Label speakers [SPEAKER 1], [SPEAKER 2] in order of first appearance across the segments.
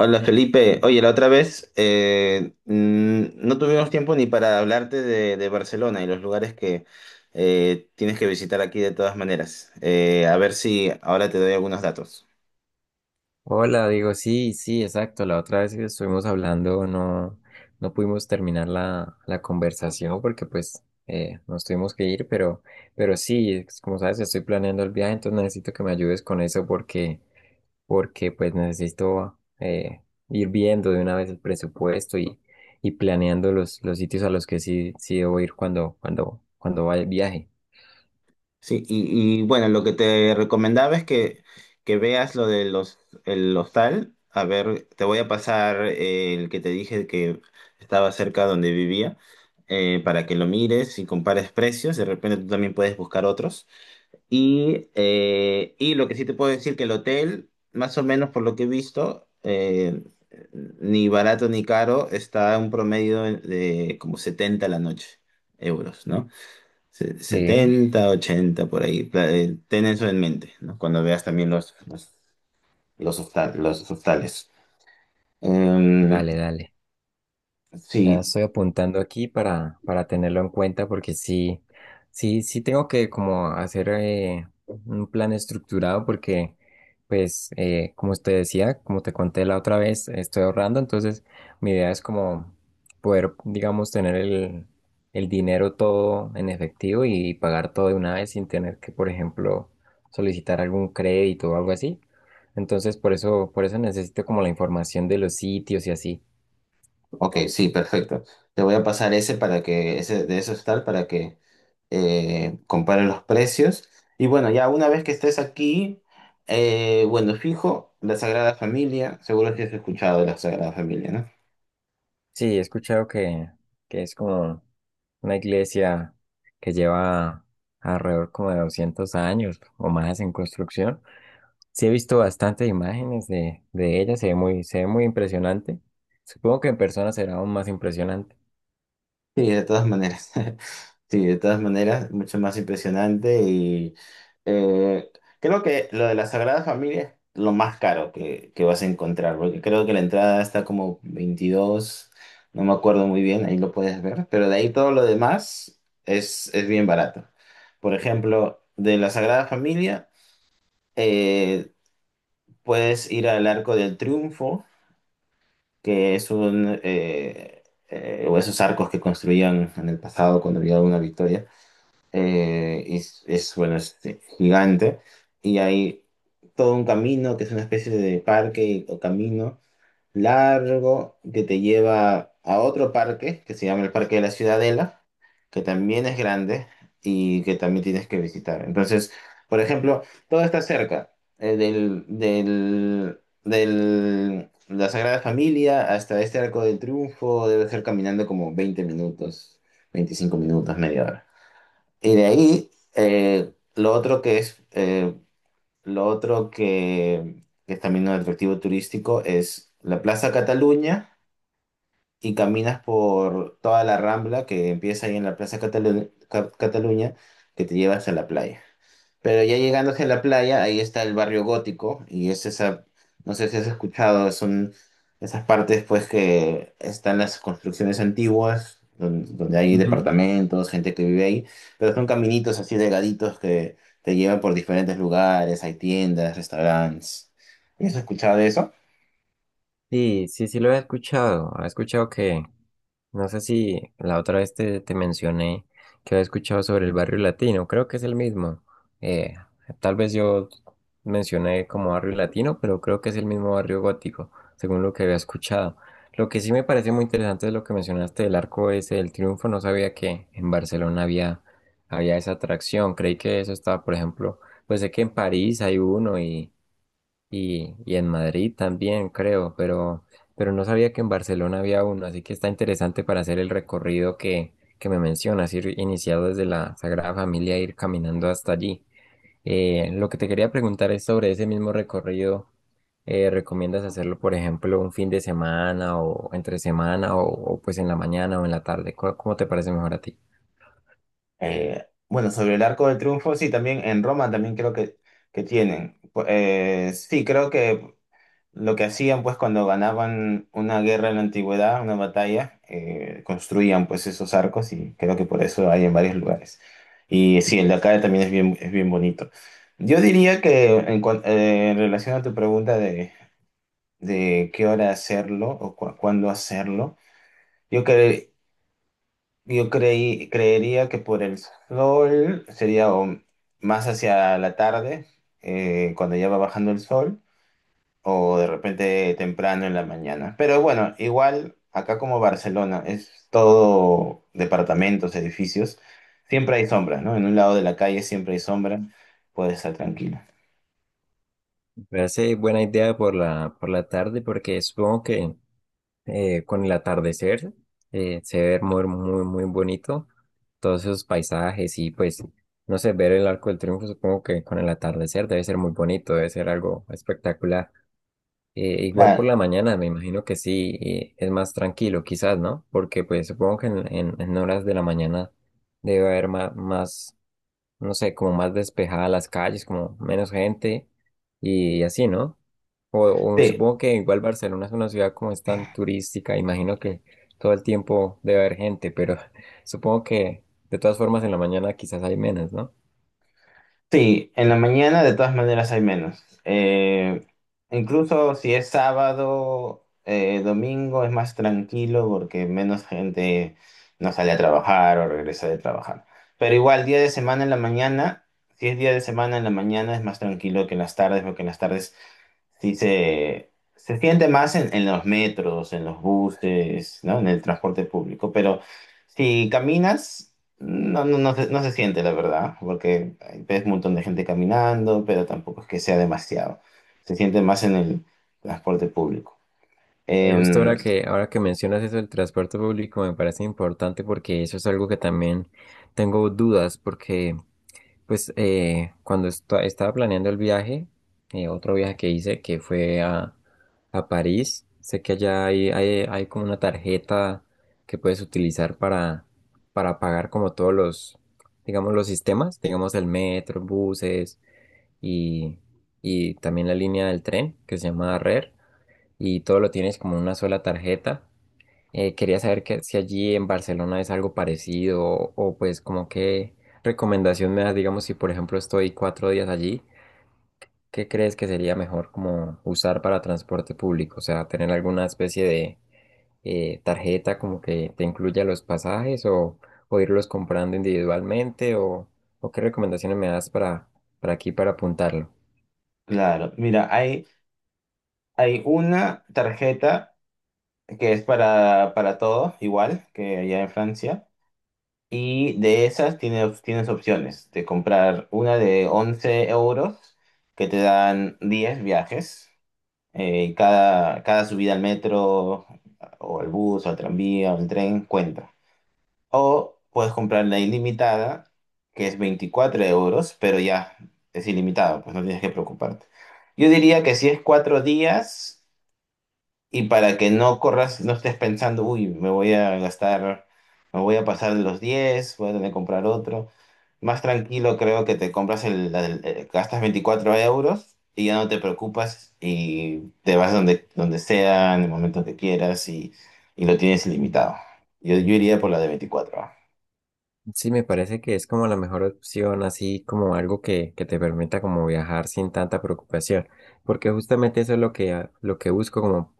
[SPEAKER 1] Hola Felipe, oye, la otra vez no tuvimos tiempo ni para hablarte de Barcelona y los lugares que tienes que visitar aquí de todas maneras. A ver si ahora te doy algunos datos.
[SPEAKER 2] Hola, digo, sí, sí, exacto. La otra vez que estuvimos hablando no pudimos terminar la conversación porque pues nos tuvimos que ir, pero sí, como sabes, estoy planeando el viaje, entonces necesito que me ayudes con eso porque pues necesito ir viendo de una vez el presupuesto y planeando los sitios a los que sí debo ir cuando vaya el viaje.
[SPEAKER 1] Sí, bueno, lo que te recomendaba es que veas lo de el hostal. A ver, te voy a pasar el que te dije que estaba cerca donde vivía, para que lo mires y compares precios. De repente tú también puedes buscar otros. Y lo que sí te puedo decir que el hotel, más o menos por lo que he visto, ni barato ni caro, está a un promedio de como 70 a la noche, euros, ¿no?
[SPEAKER 2] Sí.
[SPEAKER 1] 70, 80 por ahí. Ten eso en mente, ¿no? Cuando veas también los los hostales. Eh,
[SPEAKER 2] Dale, dale. Ya
[SPEAKER 1] sí.
[SPEAKER 2] estoy apuntando aquí para tenerlo en cuenta porque sí, sí tengo que como hacer un plan estructurado porque pues como te decía, como te conté la otra vez, estoy ahorrando, entonces mi idea es como poder, digamos, tener el dinero todo en efectivo y pagar todo de una vez sin tener que, por ejemplo, solicitar algún crédito o algo así. Entonces por eso necesito como la información de los sitios y así.
[SPEAKER 1] Ok, sí, perfecto. Te voy a pasar ese para ese de esos tal, para que compare los precios. Y bueno, ya una vez que estés aquí, bueno, fijo, la Sagrada Familia, seguro que has escuchado de la Sagrada Familia, ¿no?
[SPEAKER 2] Sí, he escuchado que es como una iglesia que lleva alrededor como de 200 años o más en construcción. Sí, he visto bastantes imágenes de ella, se ve muy impresionante. Supongo que en persona será aún más impresionante.
[SPEAKER 1] Sí, de todas maneras. Sí, de todas maneras, mucho más impresionante y eh, creo que lo de la Sagrada Familia es lo más caro que vas a encontrar, porque creo que la entrada está como 22, no me acuerdo muy bien, ahí lo puedes ver, pero de ahí todo lo demás es bien barato. Por ejemplo, de la Sagrada Familia eh, puedes ir al Arco del Triunfo, que es un... o esos arcos que construían en el pasado cuando había una victoria. Bueno, es este, gigante. Y hay todo un camino que es una especie de parque o camino largo que te lleva a otro parque que se llama el Parque de la Ciudadela, que también es grande y que también tienes que visitar. Entonces, por ejemplo, todo está cerca, la Sagrada Familia hasta este Arco del Triunfo, debe ser caminando como 20 minutos, 25 minutos, media hora. Y de ahí, eh, lo otro que es, eh, lo otro que es también un atractivo turístico es la Plaza Cataluña y caminas por toda la Rambla que empieza ahí en la Cataluña que te lleva hasta la playa. Pero ya llegando hacia la playa, ahí está el barrio gótico y es esa, no sé si has escuchado, son esas partes pues que están las construcciones antiguas, donde hay
[SPEAKER 2] Ujú.
[SPEAKER 1] departamentos, gente que vive ahí, pero son caminitos así delgaditos que te llevan por diferentes lugares, hay tiendas, restaurantes. ¿Has escuchado de eso?
[SPEAKER 2] Sí, sí, sí lo he escuchado. He escuchado que, no sé si la otra vez te mencioné que había escuchado sobre el barrio latino, creo que es el mismo. Eh, Tal vez yo mencioné como barrio latino, pero creo que es el mismo barrio gótico, según lo que había escuchado. Lo que sí me parece muy interesante es lo que mencionaste del arco ese del triunfo. No sabía que en Barcelona había esa atracción. Creí que eso estaba, por ejemplo, pues sé que en París hay uno y en Madrid también, creo, pero no sabía que en Barcelona había uno, así que está interesante para hacer el recorrido que me mencionas, ir iniciado desde la Sagrada Familia, e ir caminando hasta allí. Lo que te quería preguntar es sobre ese mismo recorrido. ¿Recomiendas hacerlo, por ejemplo, un fin de semana o entre semana o, pues en la mañana o en la tarde? ¿Cómo te parece mejor a ti?
[SPEAKER 1] Bueno, sobre el Arco del Triunfo, sí, también en Roma también creo que tienen. Sí, creo que lo que hacían, pues, cuando ganaban una guerra en la antigüedad, una batalla, construían, pues, esos arcos y creo que por eso hay en varios lugares. Y sí, el de acá también es bien bonito. Yo diría que en, en relación a tu pregunta de qué hora hacerlo o cuándo hacerlo, yo, cre- yo creería que por el sol sería o más hacia la tarde, cuando ya va bajando el sol o de repente temprano en la mañana. Pero bueno, igual acá como Barcelona es todo departamentos, edificios, siempre hay sombra, ¿no? En un lado de la calle siempre hay sombra, puedes estar tranquilo.
[SPEAKER 2] Me parece buena idea por por la tarde porque supongo que con el atardecer, se ve muy, muy, muy bonito todos esos paisajes y pues, no sé, ver el Arco del Triunfo supongo que con el atardecer debe ser muy bonito, debe ser algo espectacular. Igual por
[SPEAKER 1] Nada,
[SPEAKER 2] la mañana, me imagino que sí, es más tranquilo quizás, ¿no? Porque pues supongo que en horas de la mañana debe haber más, no sé, como más despejadas las calles, como menos gente y así, ¿no? O
[SPEAKER 1] sí.
[SPEAKER 2] supongo que igual Barcelona es una ciudad como es tan turística, imagino que todo el tiempo debe haber gente, pero supongo que de todas formas en la mañana quizás hay menos, ¿no?
[SPEAKER 1] Sí, en la mañana de todas maneras hay menos. Incluso si es sábado, domingo es más tranquilo porque menos gente no sale a trabajar o regresa de trabajar. Pero igual, día de semana en la mañana, si es día de semana en la mañana es más tranquilo que en las tardes, porque en las tardes sí, se siente más en los metros, en los buses, ¿no? En el transporte público, pero si caminas, no no se siente, la verdad, porque hay- ves un montón de gente caminando, pero tampoco es que sea demasiado. Se siente más en el transporte público.
[SPEAKER 2] Y justo
[SPEAKER 1] Em,
[SPEAKER 2] ahora ahora que mencionas eso del transporte público me parece importante porque eso es algo que también tengo dudas porque pues cuando estaba planeando el viaje, otro viaje que hice que fue a París, sé que allá hay como una tarjeta que puedes utilizar para pagar como todos los, digamos, los sistemas, digamos el metro, buses y, y también la línea del tren que se llama RER y todo lo tienes como en una sola tarjeta. Quería saber que, si allí en Barcelona es algo parecido o, pues como qué recomendación me das, digamos, si por ejemplo estoy 4 días allí, ¿qué crees que sería mejor como usar para transporte público? O sea, tener alguna especie de tarjeta como que te incluya los pasajes o irlos comprando individualmente o qué recomendaciones me das para aquí para apuntarlo.
[SPEAKER 1] claro, mira, hay una tarjeta que es para todo, igual que allá en Francia. Y de esas tienes opciones de comprar una de 11 euros que te dan 10 viajes. Cada subida al metro o al bus o al tranvía o al tren cuenta. O puedes comprar la ilimitada que es 24 euros, pero ya es ilimitado, pues no tienes que preocuparte. Yo diría que si es cuatro días y para que no corras, no estés pensando, uy, me voy a gastar, me voy a pasar de los 10, voy a tener que comprar otro. Más tranquilo creo que te compras gastas 24 euros y ya no te preocupas y te vas donde, donde sea, en el momento que quieras, y lo tienes ilimitado. Yo iría por la de 24, ah.
[SPEAKER 2] Sí, me parece que es como la mejor opción, así como algo que te permita como viajar sin tanta preocupación, porque justamente eso es lo que, ah, lo que busco como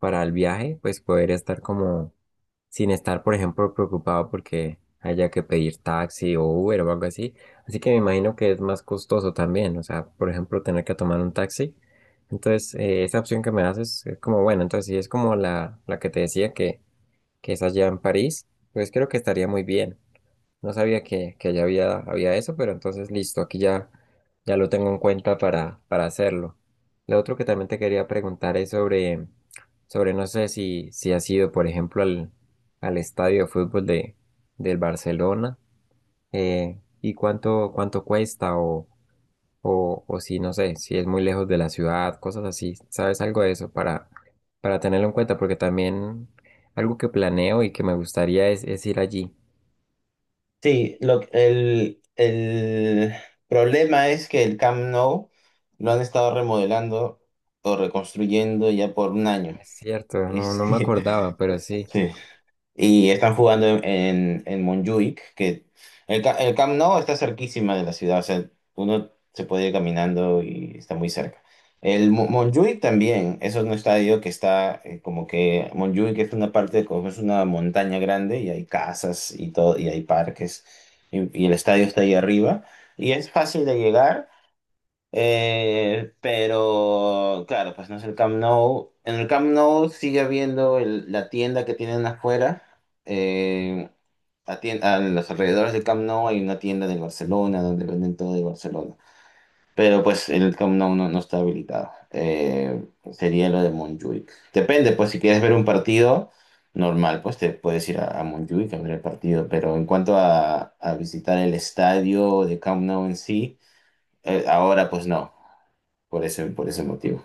[SPEAKER 2] para el viaje, pues poder estar como sin estar, por ejemplo, preocupado porque haya que pedir taxi o Uber o algo así. Así que me imagino que es más costoso también, o sea, por ejemplo, tener que tomar un taxi. Entonces, esa opción que me haces es como, bueno, entonces si es como la que te decía que es allá en París, pues creo que estaría muy bien. No sabía que ya había eso, pero entonces listo, aquí ya, ya lo tengo en cuenta para hacerlo. Lo otro que también te quería preguntar es sobre, sobre no sé si has ido, por ejemplo, al estadio de fútbol del Barcelona, y cuánto, cuánto cuesta o si, no sé, si es muy lejos de la ciudad, cosas así. ¿Sabes algo de eso para tenerlo en cuenta? Porque también algo que planeo y que me gustaría es ir allí.
[SPEAKER 1] Sí, el problema es que el Camp Nou lo han estado remodelando o reconstruyendo ya por un año.
[SPEAKER 2] Es cierto,
[SPEAKER 1] Y
[SPEAKER 2] no, no me
[SPEAKER 1] sí,
[SPEAKER 2] acordaba, pero sí.
[SPEAKER 1] sí. Y están jugando en Montjuic, que el Camp Nou está cerquísima de la ciudad, o sea, uno se puede ir caminando y está muy cerca. El Montjuic también, eso es un estadio que está, como que Montjuic es una parte, como es una montaña grande y hay casas y todo, y hay parques, y el estadio está ahí arriba, y es fácil de llegar. Pero claro, pues no es el Camp Nou. En el Camp Nou sigue habiendo el- la tienda que tienen afuera. Eh, a los alrededores del Camp Nou hay una tienda de Barcelona donde venden todo de Barcelona. Pero pues el Camp Nou no está habilitado. Sería lo de Montjuic. Depende, pues si quieres ver un partido normal, pues te puedes ir a Montjuic a ver el partido. Pero en cuanto a visitar el estadio de Camp Nou en sí, ahora pues no, por por ese motivo.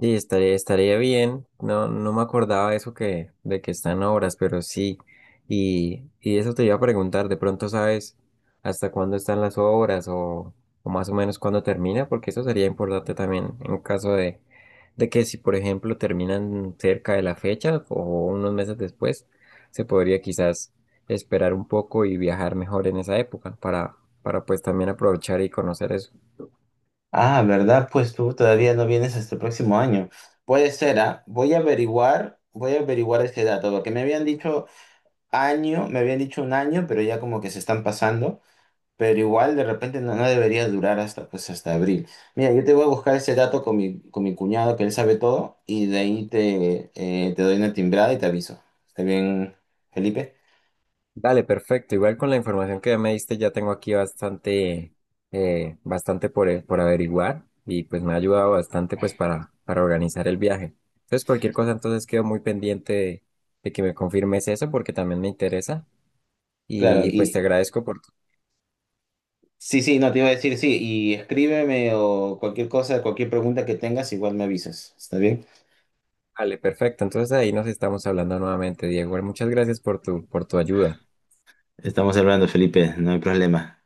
[SPEAKER 2] Sí, estaría, estaría bien. No, no me acordaba eso que, de que están obras, pero sí. Y eso te iba a preguntar, de pronto sabes hasta cuándo están las obras o más o menos cuándo termina, porque eso sería importante también en caso de que si, por ejemplo, terminan cerca de la fecha o unos meses después, se podría quizás esperar un poco y viajar mejor en esa época para pues también aprovechar y conocer eso.
[SPEAKER 1] Ah, ¿verdad? Pues tú todavía no vienes hasta el próximo año. Puede ser, ¿ah? Voy a averiguar ese dato, porque me habían dicho año, me habían dicho un año, pero ya como que se están pasando, pero igual de repente no, no debería durar hasta, pues, hasta abril. Mira, yo te voy a buscar ese dato con con mi cuñado, que él sabe todo, y de ahí te, te doy una timbrada y te aviso. ¿Está bien, Felipe?
[SPEAKER 2] Dale, perfecto. Igual con la información que ya me diste, ya tengo aquí bastante, bastante por averiguar y pues me ha ayudado bastante pues para organizar el viaje. Entonces, cualquier cosa, entonces quedo muy pendiente de que me confirmes eso porque también me interesa
[SPEAKER 1] Claro,
[SPEAKER 2] pues
[SPEAKER 1] y
[SPEAKER 2] te agradezco por tu...
[SPEAKER 1] sí, sí, no te iba a decir, sí, y escríbeme o cualquier cosa, cualquier pregunta que tengas, igual me avisas. ¿Está bien?
[SPEAKER 2] Dale, perfecto. Entonces ahí nos estamos hablando nuevamente, Diego. Muchas gracias por tu ayuda.
[SPEAKER 1] Estamos hablando, Felipe, no hay problema.